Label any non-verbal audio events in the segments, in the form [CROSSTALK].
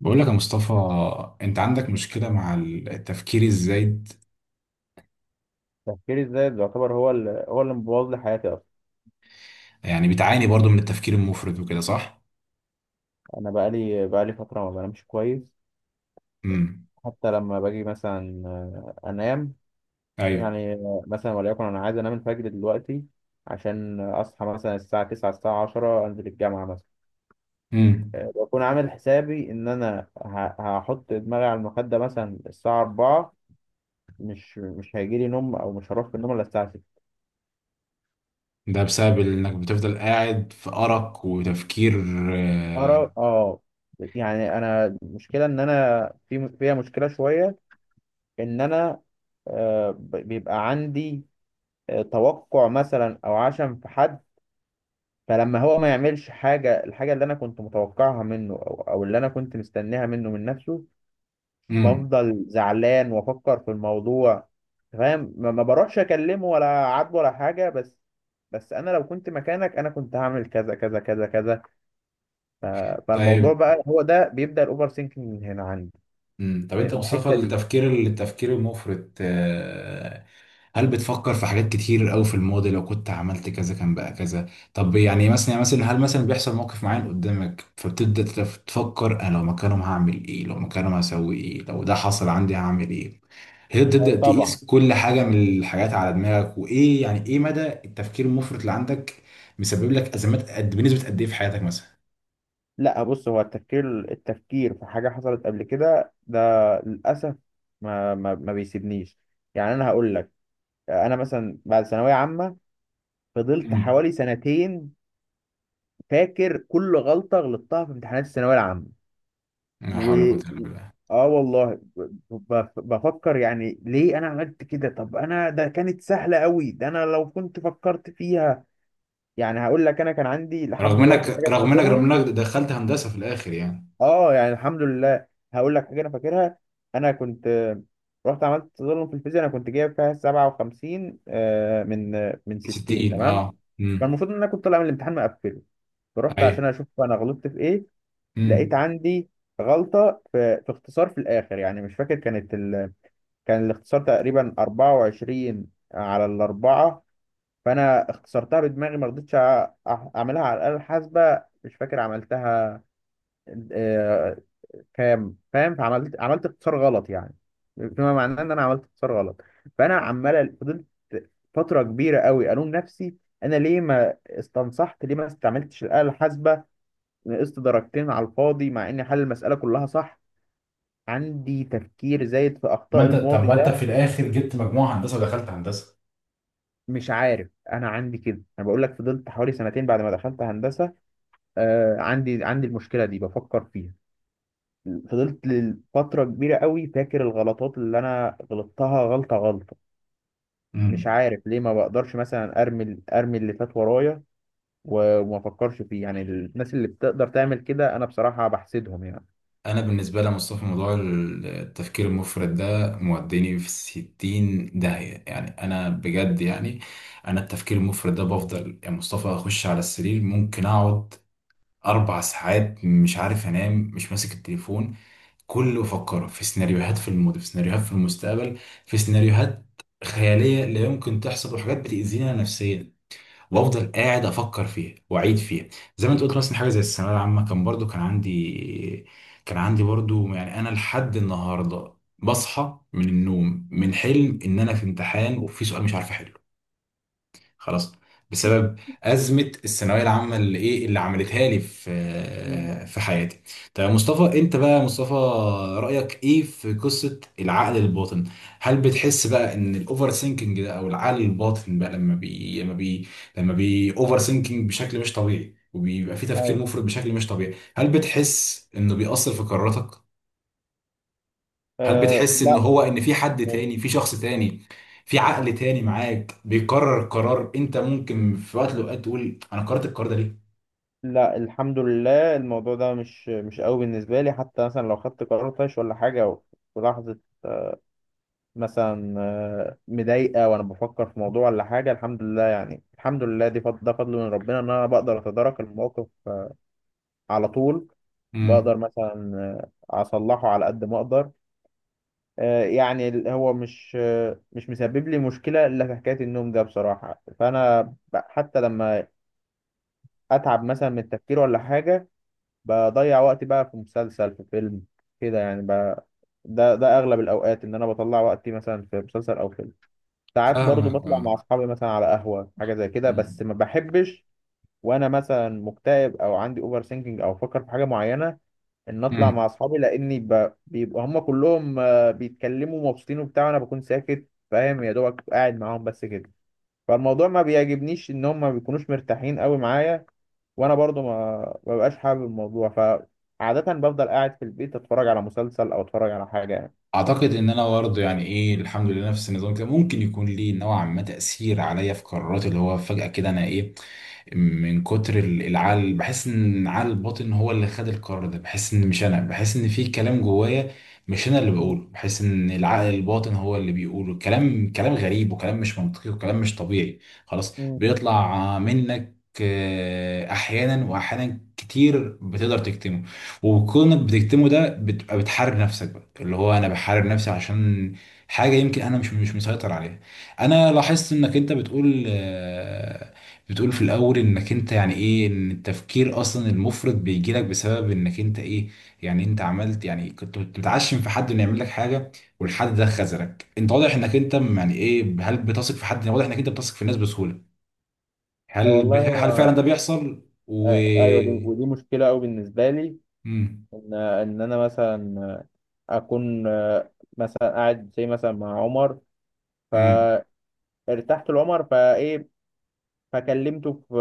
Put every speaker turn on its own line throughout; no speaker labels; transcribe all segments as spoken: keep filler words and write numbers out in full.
بقول لك يا مصطفى، انت عندك مشكلة مع التفكير الزايد.
تفكيري الزايد يعتبر هو اللي هو اللي مبوظ لي حياتي اصلا.
يعني بتعاني برضو من التفكير المفرط وكده صح؟
انا بقالي بقالي فتره ما بنامش كويس.
امم
حتى لما باجي مثلا آه، انام.
ايوه.
يعني آه، مثلا وليكن انا عايز انام الفجر دلوقتي عشان اصحى مثلا الساعه تسعة الساعه عشرة انزل الجامعه مثلا.
امم
آه، بكون عامل حسابي ان انا ه- هحط دماغي على المخده مثلا الساعه اربعة. مش مش هيجي لي نوم او مش هروح في النوم الا الساعه ستة.
ده بسبب انك بتفضل قاعد في أرق وتفكير. آه،
اه اه. يعني انا المشكله ان انا في فيها مشكله شويه. ان انا آه، ب- بيبقى عندي آه، توقع مثلا او عشم في حد. فلما هو ما يعملش حاجة الحاجة اللي انا كنت متوقعها منه او او اللي انا كنت مستنيها منه من نفسه.
امم.
بفضل زعلان وافكر في الموضوع فاهم. ما ما بروحش اكلمه ولا عاتبه ولا حاجة بس بس انا لو كنت مكانك انا كنت هعمل كذا كذا كذا كذا. ف- فالموضوع
طيب،
بقى هو ده بيبدأ الاوفر سينكينج من هنا عندي،
امم طب انت يا
من
مصطفى،
الحتة دي.
التفكير التفكير المفرط، آه، هل بتفكر في حاجات كتير قوي في الماضي، لو كنت عملت كذا كان بقى كذا؟ طب يعني مثلا، يعني مثلا هل مثلا بيحصل موقف معين قدامك فبتبدأ تف- تفكر انا لو مكانهم هعمل ايه، لو مكانهم هسوي ايه، لو ده حصل عندي هعمل ايه؟ هي تبدأ
آه، طبعا.
تقيس كل حاجة من الحاجات على دماغك. وايه يعني ايه مدى التفكير المفرط اللي عندك مسبب لك ازمات، قد بنسبة قد ايه في حياتك مثلا؟
لا بص هو التفكير التفكير في حاجة حصلت قبل كده ده، للأسف، ما ما ما بيسيبنيش. يعني أنا هقول لك. أنا مثلا بعد ثانوية عامة فضلت
امم.
حوالي سنتين فاكر كل غلطة غلطتها في امتحانات الثانوية العامة.
لا
و
حول ولا قوة الا بالله.
آه والله ب- ب- بفكر يعني ليه أنا عملت كده. طب أنا ده كانت سهلة قوي، ده أنا لو كنت فكرت فيها. يعني هقول لك أنا كان عندي لحد
رغم
دلوقتي حاجة
انك
أنا
رغم انك
فاكرها.
رغم انك دخلت هندسة في الاخر يعني.
اه، يعني الحمد لله. هقول لك حاجه انا فاكرها. انا كنت آه، رحت عملت تظلم في الفيزياء. انا كنت جايب فيها سبعة وخمسين آه، من آه، من ستين
ستين
تمام.
اه.
كان
امم.
المفروض ان انا كنت طالع من الامتحان مقفله فرحت
ايوه.
عشان اشوف انا غلطت في ايه. لقيت
امم.
عندي غلطه في, في اختصار في الاخر يعني مش فاكر كانت ال... كان الاختصار تقريبا اربعة وعشرين على الاربعه. فانا اختصرتها بدماغي ما رضيتش أ- أح- اعملها على الاله الحاسبه. مش فاكر عملتها آه، كام. فاهم، فعملت عملت اقتصار غلط يعني. بما معناه ان انا عملت اقتصار غلط. فانا عمال فضلت فتره كبيره قوي الوم نفسي انا ليه ما استنصحت، ليه ما استعملتش الاله الحاسبه. نقصت درجتين على الفاضي مع اني حل المساله كلها صح. عندي تفكير زايد في
ما
اخطاء
انت طب
الماضي
ما انت
ده.
في الاخر جبت مجموعه هندسه ودخلت هندسه.
مش عارف انا عندي كده. انا بقول لك فضلت حوالي سنتين بعد ما دخلت هندسه. آه عندي عندي المشكله دي بفكر فيها. فضلت لفترة كبيرة قوي فاكر الغلطات اللي أنا غلطتها غلطة غلطة. مش
امم.
عارف ليه ما بقدرش مثلا ارمي ارمي اللي فات ورايا و- وما افكرش فيه. يعني الناس اللي بتقدر تعمل كده انا بصراحة بحسدهم يعني.
انا بالنسبه لي مصطفى، موضوع التفكير المفرط ده موديني في ستين داهيه يعني، انا بجد يعني، انا التفكير المفرط ده بفضل يا مصطفى اخش على السرير ممكن اقعد اربع ساعات مش عارف انام، مش ماسك التليفون، كله افكر في سيناريوهات في الماضي، في سيناريوهات في المستقبل، في سيناريوهات خياليه لا يمكن تحصل، وحاجات بتاذينا نفسيا، وافضل قاعد افكر فيها واعيد فيها. زي ما انت قلت مثلا، حاجه زي الثانويه العامه كان برضو كان عندي كان عندي برضو، يعني انا لحد النهارده بصحى من النوم من حلم ان انا في امتحان وفي سؤال مش عارف احله. خلاص، بسبب أزمة الثانوية العامة اللي إيه اللي عملتها لي
مم.
في في حياتي. طيب يا مصطفى، أنت بقى يا مصطفى رأيك إيه في قصة العقل الباطن؟ هل بتحس بقى إن الأوفر سينكينج ده أو العقل الباطن بقى، لما بي لما بي لما بي أوفر سينكينج بشكل مش طبيعي وبيبقى في تفكير
ايوه.
مفرط بشكل مش طبيعي، هل بتحس إنه بيأثر في قراراتك؟ هل
أه
بتحس ان
لا.
هو ان في حد
مش-
تاني، في شخص تاني، في عقل تاني معاك بيقرر قرار انت ممكن في وقت من الاوقات تقول انا قررت القرار ده ليه؟
لا، الحمد لله، الموضوع ده مش مش قوي بالنسبة لي. حتى مثلا لو خدت قرار طايش ولا حاجة في لحظة مثلا آه، مضايقة وأنا بفكر في موضوع ولا حاجة، الحمد لله يعني الحمد لله. دي فضل، ده فضل من ربنا إن أنا بقدر أتدارك الموقف على طول. بقدر
امم.
مثلا آه، أصلحه على قد ما أقدر. آه، يعني ال- هو مش آه، مش مسبب لي مشكلة إلا في حكاية النوم ده بصراحة. فأنا ب- حتى لما أتعب مثلا من التفكير ولا حاجة بضيع وقتي بقى في مسلسل، في فيلم كده يعني. ب... ده ده أغلب الأوقات إن أنا بطلع وقتي مثلا في مسلسل أو فيلم. ساعات برضو
فاهمك
بطلع
اه.
مع أصحابي مثلا على قهوة حاجة زي كده بس ما بحبش وأنا مثلا مكتئب أو عندي أوفر ثينكينج أو بفكر في حاجة معينة ان اطلع
امم.
مع اصحابي لاني ب... بيبقوا هم كلهم آه، بيتكلموا مبسوطين وبتاع وانا بكون ساكت فاهم يا دوبك قاعد معاهم بس كده. فالموضوع ما بيعجبنيش ان هم ما بيكونوش مرتاحين قوي معايا وانا برضو ما ما ببقاش حابب الموضوع. فعادة بفضل قاعد في البيت اتفرج على مسلسل او اتفرج على حاجة يعني.
اعتقد ان انا برضه يعني ايه، الحمد لله نفس النظام كده، ممكن يكون ليه نوعا ما تاثير عليا في قراراتي، اللي هو فجاه كده انا ايه من كتر ال- العقل بحس ان عقل الباطن هو اللي خد القرار ده، بحس ان مش انا، بحس ان في كلام جوايا مش انا اللي بقوله،
مم.
بحس ان العقل الباطن هو اللي بيقوله، كلام كلام غريب وكلام مش منطقي وكلام مش طبيعي. خلاص
مم.
بيطلع منك آه، احيانا، واحيانا كتير بتقدر تكتمه، وكونك بتكتمه ده بتبقى بتحارب نفسك بقى، اللي هو انا بحارب نفسي عشان حاجه يمكن انا مش مش مسيطر عليها. انا لاحظت انك انت بتقول، آه، بتقول في الاول انك انت يعني ايه، ان التفكير اصلا المفرط بيجي لك بسبب انك انت ايه، يعني انت عملت، يعني كنت بتعشم في حد انه يعمل لك حاجه، والحد ده خذلك. انت واضح انك انت يعني ايه، هل بتثق في حد؟ واضح انك انت بتثق في الناس بسهوله. هل
والله
هل فعلا
هو
ده بيحصل و...
آه، ايوه. دي ودي مشكله قوي بالنسبه لي.
مم.
ان ان انا مثلا اكون آه، مثلا قاعد زي مثلا مع عمر
مم.
فارتحت لعمر فايه. فكلمته في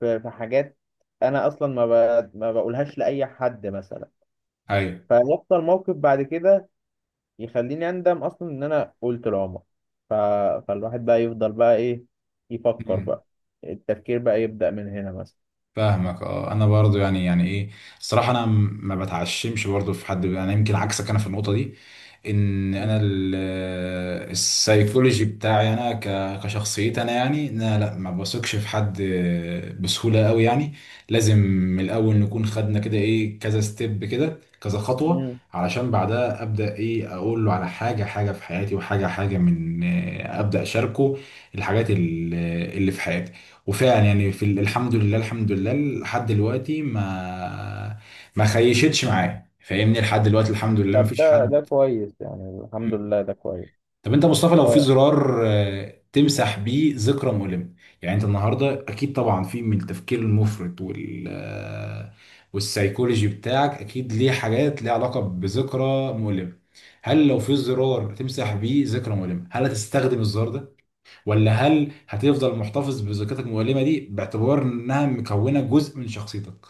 في في حاجات انا اصلا ما ب... ما بقولهاش لاي حد مثلا. فيحصل موقف بعد كده يخليني اندم اصلا ان انا قلت لعمر. ف... فالواحد بقى يفضل بقى ايه
ايوه.
يفكر بقى. التفكير بقى يبدأ من هنا مثلا.
فاهمك اه. انا برضو يعني، يعني ايه، الصراحه انا م- ما بتعشمش برضو في حد، انا يمكن عكسك انا في النقطه دي، ان
مم.
انا ال- السايكولوجي بتاعي انا ك- كشخصيتي انا يعني، ان انا لا ما بثقش في حد بسهوله قوي يعني، لازم من الاول نكون خدنا كده ايه، كذا ستيب كده، كذا خطوه
مم.
علشان بعدها ابدا ايه اقول له على حاجه، حاجه في حياتي، وحاجه حاجه من، ابدا اشاركه الحاجات ال- اللي في حياتي، وفعلا يعني في ال- الحمد لله، الحمد لله لحد دلوقتي ما، ما خيشتش معايا فاهمني، لحد دلوقتي الحمد لله ما
طب
فيش
ده ده
حد.
كويس يعني الحمد لله، ده كويس.
طب انت يا مصطفى لو في
أه.
زرار آه، تمسح بيه ذكرى مؤلمة، يعني انت النهارده اكيد طبعا في من التفكير المفرط وال آه، والسايكولوجي بتاعك اكيد ليه حاجات ليها علاقة بذكرى مؤلمة، هل لو في
مم.
زرار تمسح بيه ذكرى مؤلمة هل هتستخدم الزرار ده، ولا هل هتفضل محتفظ بذكرتك المؤلمة دي باعتبار انها مكونة جزء من شخصيتك؟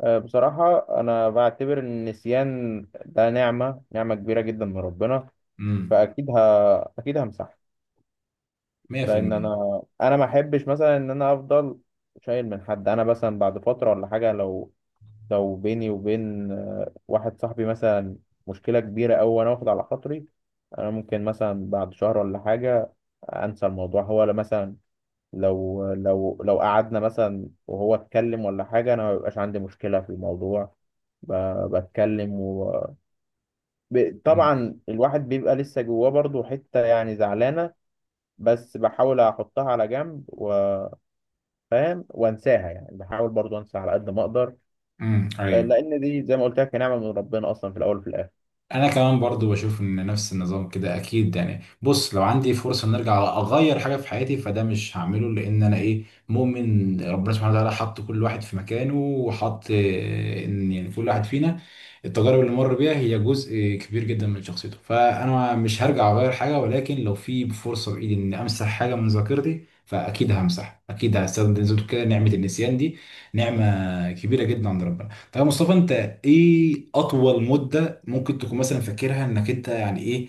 أه، بصراحة أنا بعتبر إن النسيان ده نعمة نعمة كبيرة جدا من ربنا.
امم.
فأكيد ه... أكيد همسحها. لان
مية بالمية.
انا انا ما احبش مثلا ان انا افضل شايل من حد. انا مثلا بعد فتره ولا حاجه، لو لو بيني وبين آه، واحد صاحبي مثلا مشكله كبيره أوي وانا واخد على خاطري، انا ممكن مثلا بعد شهر ولا حاجه انسى الموضوع هو. لا مثلا لو لو لو قعدنا مثلا وهو اتكلم ولا حاجه انا ما بيبقاش عندي مشكله في الموضوع. ب- بتكلم و... ب-
امم.
طبعا الواحد بيبقى لسه جواه برضه حته يعني زعلانه بس بحاول احطها على جنب و... فاهم وانساها يعني بحاول برضو انسى على قد ما اقدر.
امم.
آه،
ايوه.
لان دي زي ما قلت لك نعمه من ربنا اصلا في الاول وفي الاخر.
انا كمان برضو بشوف ان نفس النظام كده. اكيد يعني، بص، لو عندي فرصه ان ارجع اغير حاجه في حياتي فده مش هعمله، لان انا ايه، مؤمن ربنا سبحانه وتعالى حط كل واحد في مكانه، وحط آه، ان يعني كل واحد فينا التجارب اللي مر بيها هي جزء كبير جدا من شخصيته، فانا مش هرجع اغير حاجه. ولكن لو في فرصه بايدي ان امسح حاجه من ذاكرتي فاكيد همسح، اكيد هستخدم زي ما بتقول كده نعمه النسيان دي، نعمه كبيره جدا عند ربنا. طيب يا مصطفى انت ايه اطول مده ممكن تكون مثلا فاكرها انك انت يعني ايه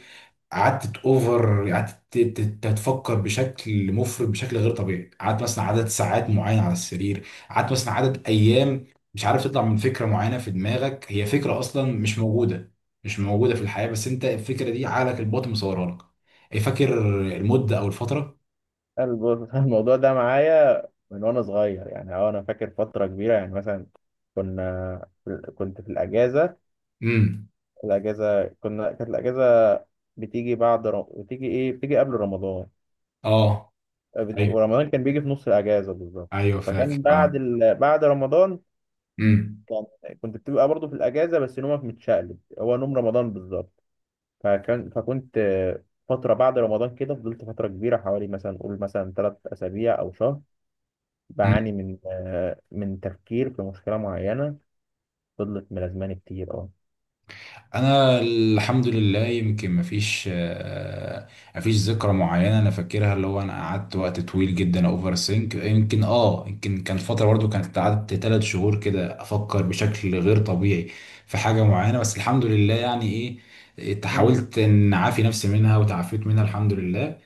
قعدت اوفر، قعدت ت- ت- تتفكر بشكل مفرط بشكل غير طبيعي، قعدت مثلا عدد ساعات معين على السرير، قعدت مثلا عدد ايام مش عارف تطلع من فكره معينه في دماغك، هي فكره اصلا مش موجوده مش موجوده في الحياه، بس انت الفكره دي عقلك الباطن مصورها لك؟ إيه، فاكر المده او الفتره؟
الب- [LAUGHS] الموضوع ده معايا من وانا صغير يعني أه. انا فاكر فتره كبيره يعني مثلا كنا كنت في الاجازه.
امم.
الاجازه، كنا كانت الاجازه بتيجي بعد ر... بتيجي ايه بتيجي قبل رمضان.
اه.
آه، بت-
ايوه.
ورمضان كان بيجي في نص الاجازه بالظبط.
ايوه
فكان
فاكر اه.
بعد ال... بعد رمضان
امم.
كان كنت بتبقى برضو في الاجازه بس نومك متشقلب، هو نوم رمضان بالظبط. فكان فكنت آه، فترة بعد رمضان كده فضلت فترة كبيرة حوالي مثلا قول مثلا ثلاث أسابيع أو شهر بعاني
امم.
من آه، من تفكير في مشكلة معينة. فضلت ملازماني كتير أه.
انا الحمد لله يمكن مفيش آه، مفيش ذكرى معينه انا فاكرها اللي هو انا قعدت وقت طويل جدا اوفر سينك، يمكن اه يمكن كان فتره برضو كانت، قعدت ثلاث شهور كده افكر بشكل غير طبيعي في حاجه معينه، بس الحمد لله يعني ايه، إيه،
مم.
حاولت ان اعافي نفسي منها وتعافيت منها الحمد لله.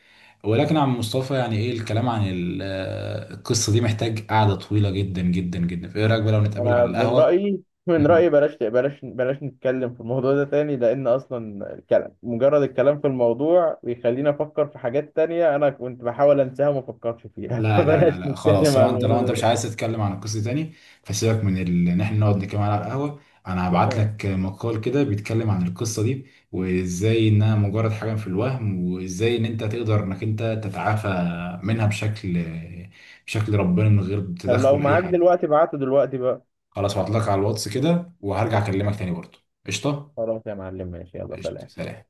ولكن عم مصطفى يعني ايه، الكلام عن ال- آه، القصه دي محتاج قعده طويله جدا جدا جدا، فايه رايك بقى لو نتقابل
أنا
على
من
القهوه؟
رأيي من رأيي بلاش بلاش بلاش نتكلم في الموضوع ده تاني. لأن أصلا الكلام، مجرد الكلام في الموضوع، بيخليني أفكر في حاجات تانية أنا كنت بحاول أنساها وما أفكرش فيها. [LAUGHS]
لا لا
فبلاش
لا لا خلاص،
نتكلم
لو
عن
انت
الموضوع
لو
ده
انت مش
تاني.
عايز تتكلم عن القصه تاني فسيبك من ال... ان احنا نقعد نتكلم على القهوه، انا هبعت
آه.
لك مقال كده بيتكلم عن القصه دي، وازاي انها مجرد حاجه في الوهم، وازاي ان انت تقدر انك انت تتعافى منها بشكل، بشكل ربنا من غير
طب لو
تدخل اي
معاك
حاجه.
دلوقتي ابعته دلوقتي بقى.
خلاص هبعت لك على الواتس كده وهرجع اكلمك تاني برضه. قشطه.
خلاص يا معلم، ماشي، يلا
قشطه
سلام.
سلام.